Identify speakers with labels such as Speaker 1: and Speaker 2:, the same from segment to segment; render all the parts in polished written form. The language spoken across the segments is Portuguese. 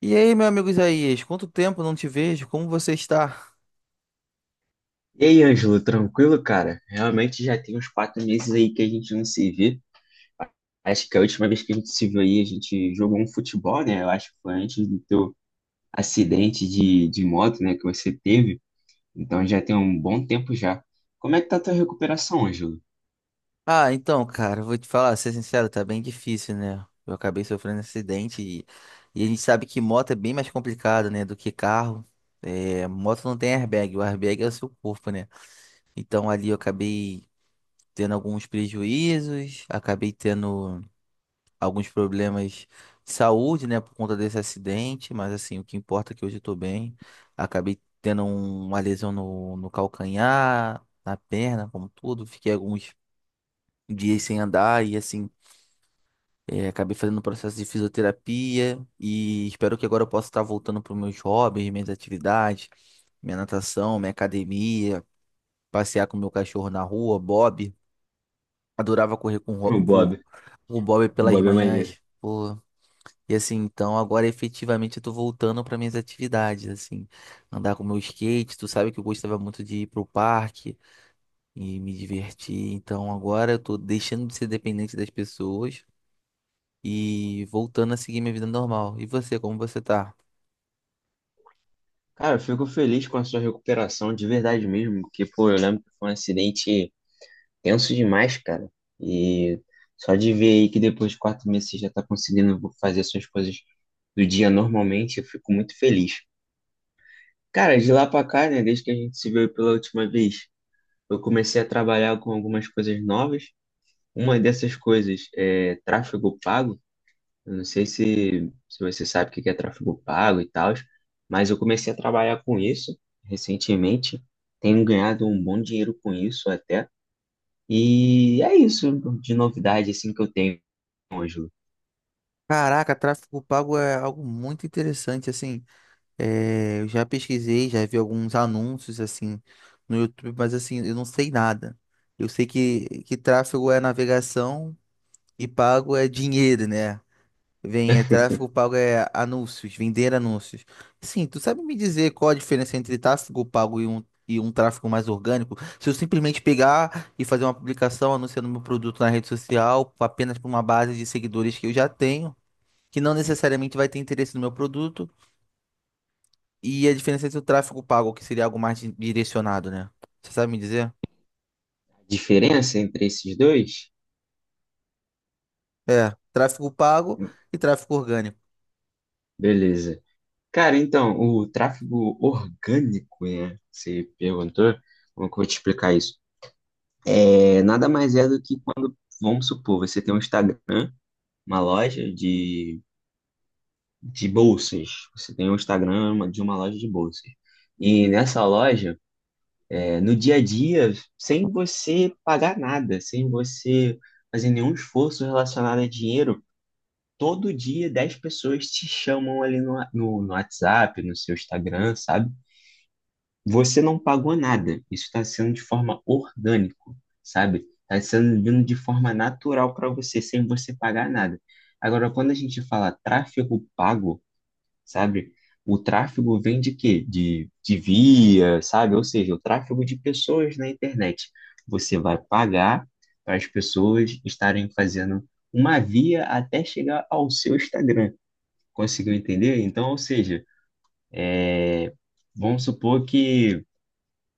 Speaker 1: E aí, meu amigo Isaías, quanto tempo não te vejo? Como você está?
Speaker 2: E aí, Ângelo, tranquilo, cara? Realmente já tem uns 4 meses aí que a gente não se vê. Acho que a última vez que a gente se viu aí, a gente jogou um futebol, né? Eu acho que foi antes do teu acidente de moto, né, que você teve. Então já tem um bom tempo já. Como é que tá a tua recuperação, Ângelo?
Speaker 1: Ah, então, cara, vou te falar, ser sincero, tá bem difícil, né? Eu acabei sofrendo um acidente e a gente sabe que moto é bem mais complicado, né, do que carro. É, moto não tem airbag, o airbag é o seu corpo, né? Então ali eu acabei tendo alguns prejuízos, acabei tendo alguns problemas de saúde, né, por conta desse acidente, mas assim, o que importa é que hoje eu tô bem. Acabei tendo uma lesão no calcanhar, na perna, como tudo. Fiquei alguns dias sem andar e assim, acabei fazendo um processo de fisioterapia e espero que agora eu possa estar voltando para os meus hobbies, minhas atividades, minha natação, minha academia, passear com meu cachorro na rua, Bob. Adorava correr
Speaker 2: O Bob,
Speaker 1: Com o Bob
Speaker 2: o
Speaker 1: pelas
Speaker 2: Bob é maneiro.
Speaker 1: manhãs. Pô, e assim, então agora efetivamente eu tô voltando para minhas atividades, assim, andar com meu skate, tu sabe que eu gostava muito de ir pro parque e me divertir, então agora eu tô deixando de ser dependente das pessoas e voltando a seguir minha vida normal. E você, como você tá?
Speaker 2: Cara, eu fico feliz com a sua recuperação, de verdade mesmo, porque, pô, eu lembro que foi um acidente tenso demais, cara. E só de ver aí que depois de 4 meses você já tá conseguindo fazer suas coisas do dia normalmente, eu fico muito feliz. Cara, de lá pra cá, né, desde que a gente se viu pela última vez, eu comecei a trabalhar com algumas coisas novas. Uma dessas coisas é tráfego pago. Eu não sei se você sabe o que que é tráfego pago e tal, mas eu comecei a trabalhar com isso recentemente. Tenho ganhado um bom dinheiro com isso até. E é isso de novidade assim que eu tenho, Ângelo.
Speaker 1: Caraca, tráfego pago é algo muito interessante, assim, eu já pesquisei, já vi alguns anúncios, assim, no YouTube, mas assim, eu não sei nada. Eu sei que tráfego é navegação e pago é dinheiro, né? Vem, é, tráfego pago é anúncios, vender anúncios. Sim, tu sabe me dizer qual a diferença entre tráfego pago e um tráfego mais orgânico? Se eu simplesmente pegar e fazer uma publicação anunciando meu produto na rede social, apenas para uma base de seguidores que eu já tenho, que não necessariamente vai ter interesse no meu produto, e a diferença entre o tráfego pago, que seria algo mais direcionado, né? Você sabe me dizer?
Speaker 2: A diferença entre esses dois?
Speaker 1: É, tráfego pago e tráfego orgânico.
Speaker 2: Beleza. Cara, então, o tráfego orgânico, né? Você perguntou, como que eu vou te explicar isso? Nada mais é do que quando, vamos supor, você tem um Instagram, uma loja de bolsas. Você tem um Instagram de uma loja de bolsas. E nessa loja, no dia a dia, sem você pagar nada, sem você fazer nenhum esforço relacionado a dinheiro, todo dia 10 pessoas te chamam ali no WhatsApp, no seu Instagram, sabe? Você não pagou nada. Isso está sendo de forma orgânico, sabe? Está sendo vindo de forma natural para você, sem você pagar nada. Agora, quando a gente fala tráfego pago, sabe? O tráfego vem de quê? De via, sabe? Ou seja, o tráfego de pessoas na internet. Você vai pagar para as pessoas estarem fazendo uma via até chegar ao seu Instagram. Conseguiu entender? Então, ou seja, é, vamos supor que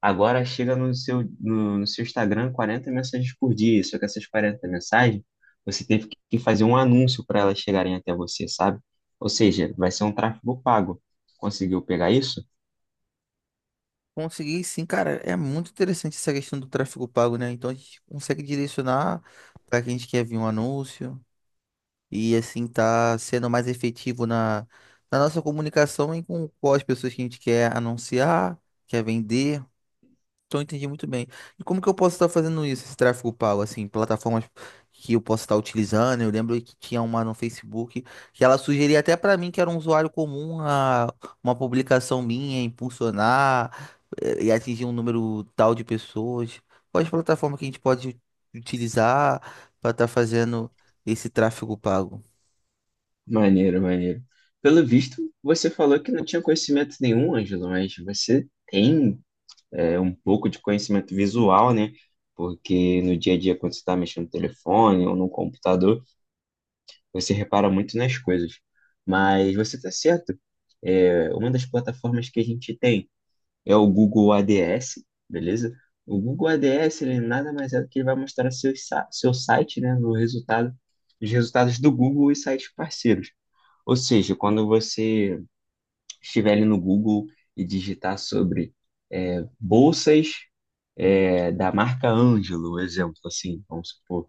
Speaker 2: agora chega no seu Instagram 40 mensagens por dia, só que essas 40 mensagens você teve que fazer um anúncio para elas chegarem até você, sabe? Ou seja, vai ser um tráfego pago. Conseguiu pegar isso?
Speaker 1: Consegui sim, cara. É muito interessante essa questão do tráfego pago, né? Então a gente consegue direcionar para quem a gente quer ver um anúncio e assim tá sendo mais efetivo na nossa comunicação e com as pessoas que a gente quer anunciar, quer vender. Então, eu entendi muito bem. E como que eu posso estar fazendo isso, esse tráfego pago, assim, plataformas que eu posso estar utilizando? Eu lembro que tinha uma no Facebook que ela sugeria até para mim, que era um usuário comum, a uma publicação minha impulsionar e atingir um número tal de pessoas. Quais plataformas que a gente pode utilizar para estar fazendo esse tráfego pago?
Speaker 2: Maneiro, maneiro. Pelo visto, você falou que não tinha conhecimento nenhum, Ângelo, mas você tem um pouco de conhecimento visual, né? Porque no dia a dia, quando você está mexendo no telefone ou no computador, você repara muito nas coisas. Mas você está certo. Uma das plataformas que a gente tem é o Google ADS, beleza? O Google ADS, ele nada mais é do que ele vai mostrar seu site, né, no resultado, os resultados do Google e sites parceiros. Ou seja, quando você estiver ali no Google e digitar sobre bolsas da marca Ângelo, um exemplo, assim, vamos supor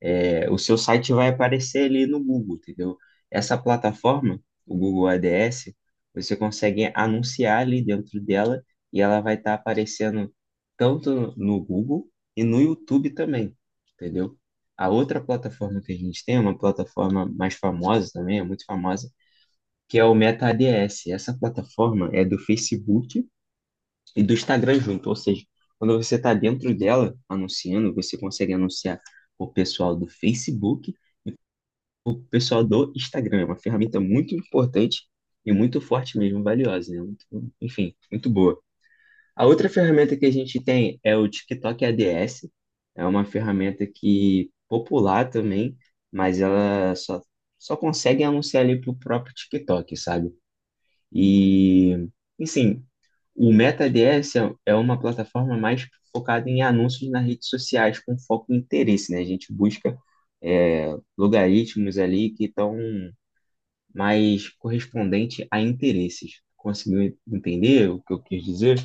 Speaker 2: o seu site vai aparecer ali no Google, entendeu? Essa plataforma, o Google ADS, você consegue anunciar ali dentro dela e ela vai estar aparecendo tanto no Google e no YouTube também, entendeu? A outra plataforma que a gente tem, uma plataforma mais famosa também, é muito famosa, que é o Meta ADS. Essa plataforma é do Facebook e do Instagram junto, ou seja, quando você está dentro dela anunciando, você consegue anunciar o pessoal do Facebook, o pessoal do Instagram, é uma ferramenta muito importante e muito forte mesmo, valiosa, né? Enfim, muito boa. A outra ferramenta que a gente tem é o TikTok ADS, é uma ferramenta que popular também, mas ela só consegue anunciar ali pro próprio TikTok, sabe? E, enfim, o Meta ADS é uma plataforma mais focada em anúncios nas redes sociais com foco em interesse, né? A gente busca logaritmos ali que estão mas correspondente a interesses. Conseguiu entender o que eu quis dizer?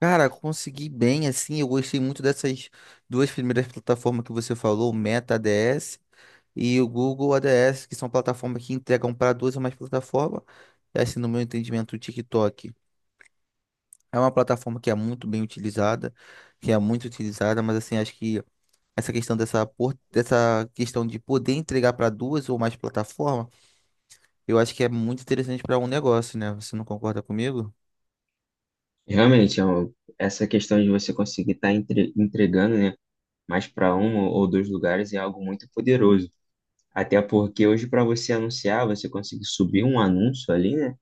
Speaker 1: Cara, consegui bem, assim, eu gostei muito dessas duas primeiras plataformas que você falou, o Meta ADS e o Google ADS, que são plataformas que entregam para duas ou mais plataformas. E assim, no meu entendimento, o TikTok é uma plataforma que é muito bem utilizada, que é muito utilizada, mas assim, acho que essa questão dessa, dessa questão de poder entregar para duas ou mais plataformas, eu acho que é muito interessante para um negócio, né? Você não concorda comigo?
Speaker 2: Realmente, essa questão de você conseguir estar entregando, né, mais para um ou dois lugares é algo muito poderoso. Até porque hoje, para você anunciar, você conseguir subir um anúncio ali, né?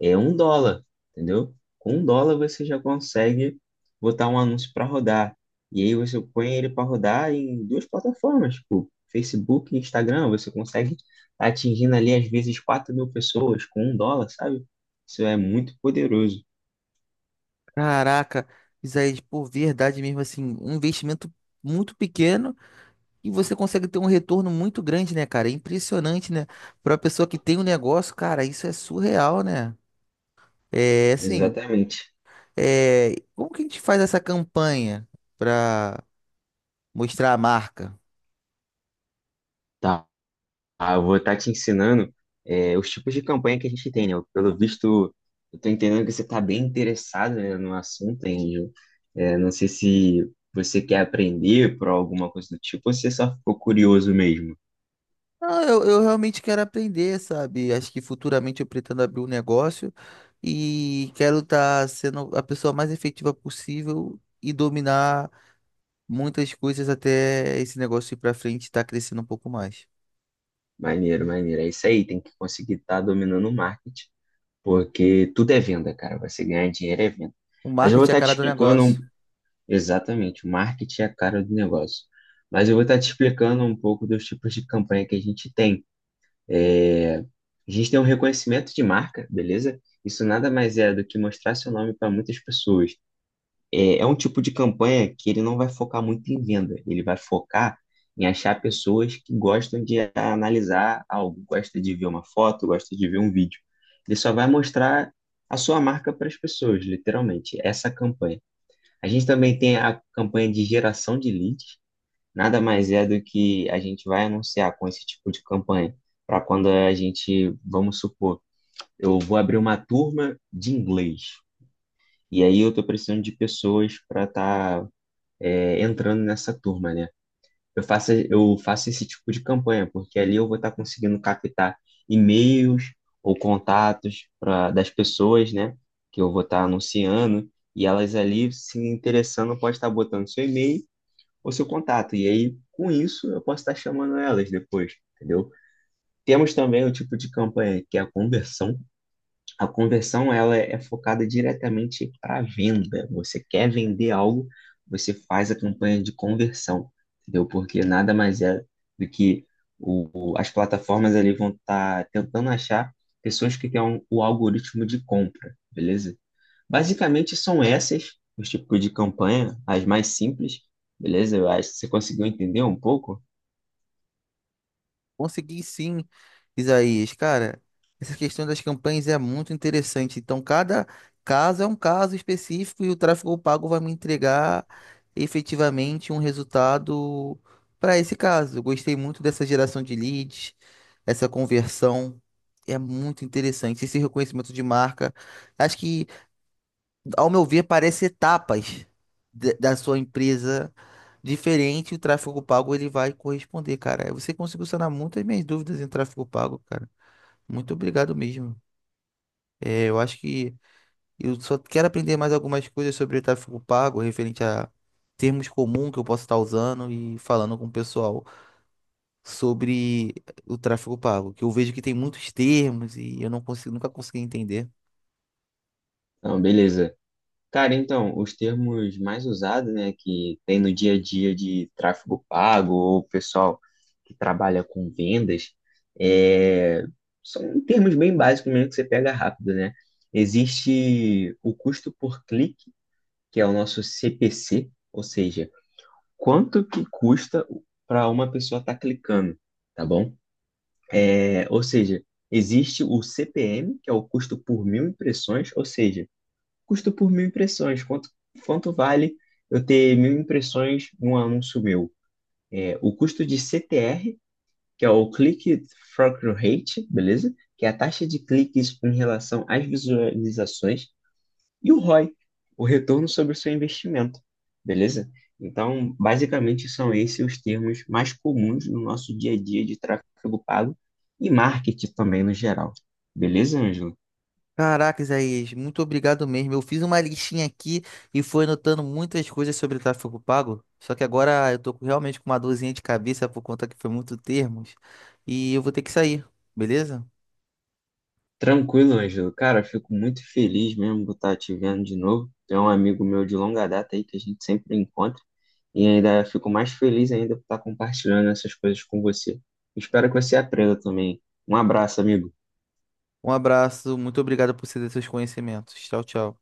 Speaker 2: É um dólar, entendeu? Com um dólar você já consegue botar um anúncio para rodar. E aí você põe ele para rodar em duas plataformas, tipo Facebook e Instagram. Você consegue tá atingindo ali às vezes 4 mil pessoas com um dólar, sabe? Isso é muito poderoso.
Speaker 1: Caraca, Isaías, por verdade mesmo, assim, um investimento muito pequeno e você consegue ter um retorno muito grande, né, cara? É impressionante, né? Para uma pessoa que tem um negócio, cara, isso é surreal, né? É assim,
Speaker 2: Exatamente.
Speaker 1: é... como que a gente faz essa campanha para mostrar a marca?
Speaker 2: Tá. Ah, eu vou estar te ensinando os tipos de campanha que a gente tem, né? Pelo visto, eu tô entendendo que você está bem interessado, né, no assunto, Angel. Não sei se você quer aprender por alguma coisa do tipo ou se só ficou curioso mesmo.
Speaker 1: Ah, eu realmente quero aprender, sabe? Acho que futuramente eu pretendo abrir um negócio e quero estar sendo a pessoa mais efetiva possível e dominar muitas coisas até esse negócio ir para frente e estar crescendo um pouco mais.
Speaker 2: Maneiro, maneiro. É isso aí, tem que conseguir estar dominando o marketing, porque tudo é venda, cara. Você ganhar dinheiro é venda.
Speaker 1: O
Speaker 2: Mas eu vou
Speaker 1: marketing é a
Speaker 2: estar te
Speaker 1: cara do
Speaker 2: explicando
Speaker 1: negócio.
Speaker 2: exatamente, o marketing é a cara do negócio. Mas eu vou estar te explicando um pouco dos tipos de campanha que a gente tem. A gente tem um reconhecimento de marca, beleza? Isso nada mais é do que mostrar seu nome para muitas pessoas. É um tipo de campanha que ele não vai focar muito em venda, ele vai focar em achar pessoas que gostam de analisar algo, gosta de ver uma foto, gosta de ver um vídeo. Ele só vai mostrar a sua marca para as pessoas, literalmente, essa campanha. A gente também tem a campanha de geração de leads. Nada mais é do que a gente vai anunciar com esse tipo de campanha, para quando a gente, vamos supor, eu vou abrir uma turma de inglês, e aí eu estou precisando de pessoas para estar entrando nessa turma, né? Eu faço esse tipo de campanha, porque ali eu vou estar conseguindo captar e-mails ou contatos das pessoas, né? Que eu vou estar anunciando, e elas ali se interessando, pode estar botando seu e-mail, o seu contato. E aí, com isso, eu posso estar chamando elas depois, entendeu? Temos também o tipo de campanha que é a conversão. A conversão ela é focada diretamente para a venda. Você quer vender algo, você faz a campanha de conversão, entendeu? Porque nada mais é do que as plataformas ali vão estar tentando achar pessoas que têm o algoritmo de compra, beleza? Basicamente são essas, os tipos de campanha, as mais simples, beleza? Eu acho que você conseguiu entender um pouco.
Speaker 1: Consegui sim, Isaías. Cara, essa questão das campanhas é muito interessante. Então, cada caso é um caso específico e o tráfego pago vai me entregar efetivamente um resultado para esse caso. Eu gostei muito dessa geração de leads, essa conversão. É muito interessante. Esse reconhecimento de marca. Acho que ao meu ver, parece etapas da sua empresa diferente, o tráfego pago ele vai corresponder, cara. Você conseguiu sanar muitas minhas dúvidas em tráfego pago, cara. Muito obrigado mesmo. É, eu acho que eu só quero aprender mais algumas coisas sobre tráfego pago, referente a termos comuns que eu posso estar usando e falando com o pessoal sobre o tráfego pago, que eu vejo que tem muitos termos e eu não consigo, nunca consegui entender.
Speaker 2: Então, beleza. Cara, então, os termos mais usados, né, que tem no dia a dia de tráfego pago ou pessoal que trabalha com vendas, é, são termos bem básicos mesmo que você pega rápido, né? Existe o custo por clique, que é o nosso CPC, ou seja, quanto que custa para uma pessoa estar clicando, tá bom? Ou seja, existe o CPM, que é o custo por mil impressões, ou seja, custo por mil impressões, quanto vale eu ter mil impressões num anúncio meu? O custo de CTR, que é o Click Through Rate, beleza? Que é a taxa de cliques em relação às visualizações e o ROI, o I, o retorno sobre o seu investimento, beleza? Então, basicamente, são esses os termos mais comuns no nosso dia a dia de tráfego pago e marketing também no geral. Beleza, Ângelo?
Speaker 1: Caraca, Isaías, muito obrigado mesmo. Eu fiz uma listinha aqui e fui anotando muitas coisas sobre tráfego pago. Só que agora eu tô realmente com uma dorzinha de cabeça por conta que foi muito termos. E eu vou ter que sair, beleza?
Speaker 2: Tranquilo, Ângelo. Cara, eu fico muito feliz mesmo por estar te vendo de novo. É um amigo meu de longa data aí que a gente sempre encontra e ainda fico mais feliz ainda por estar compartilhando essas coisas com você. Espero que você aprenda também. Um abraço, amigo.
Speaker 1: Um abraço, muito obrigado por ceder seus conhecimentos. Tchau, tchau.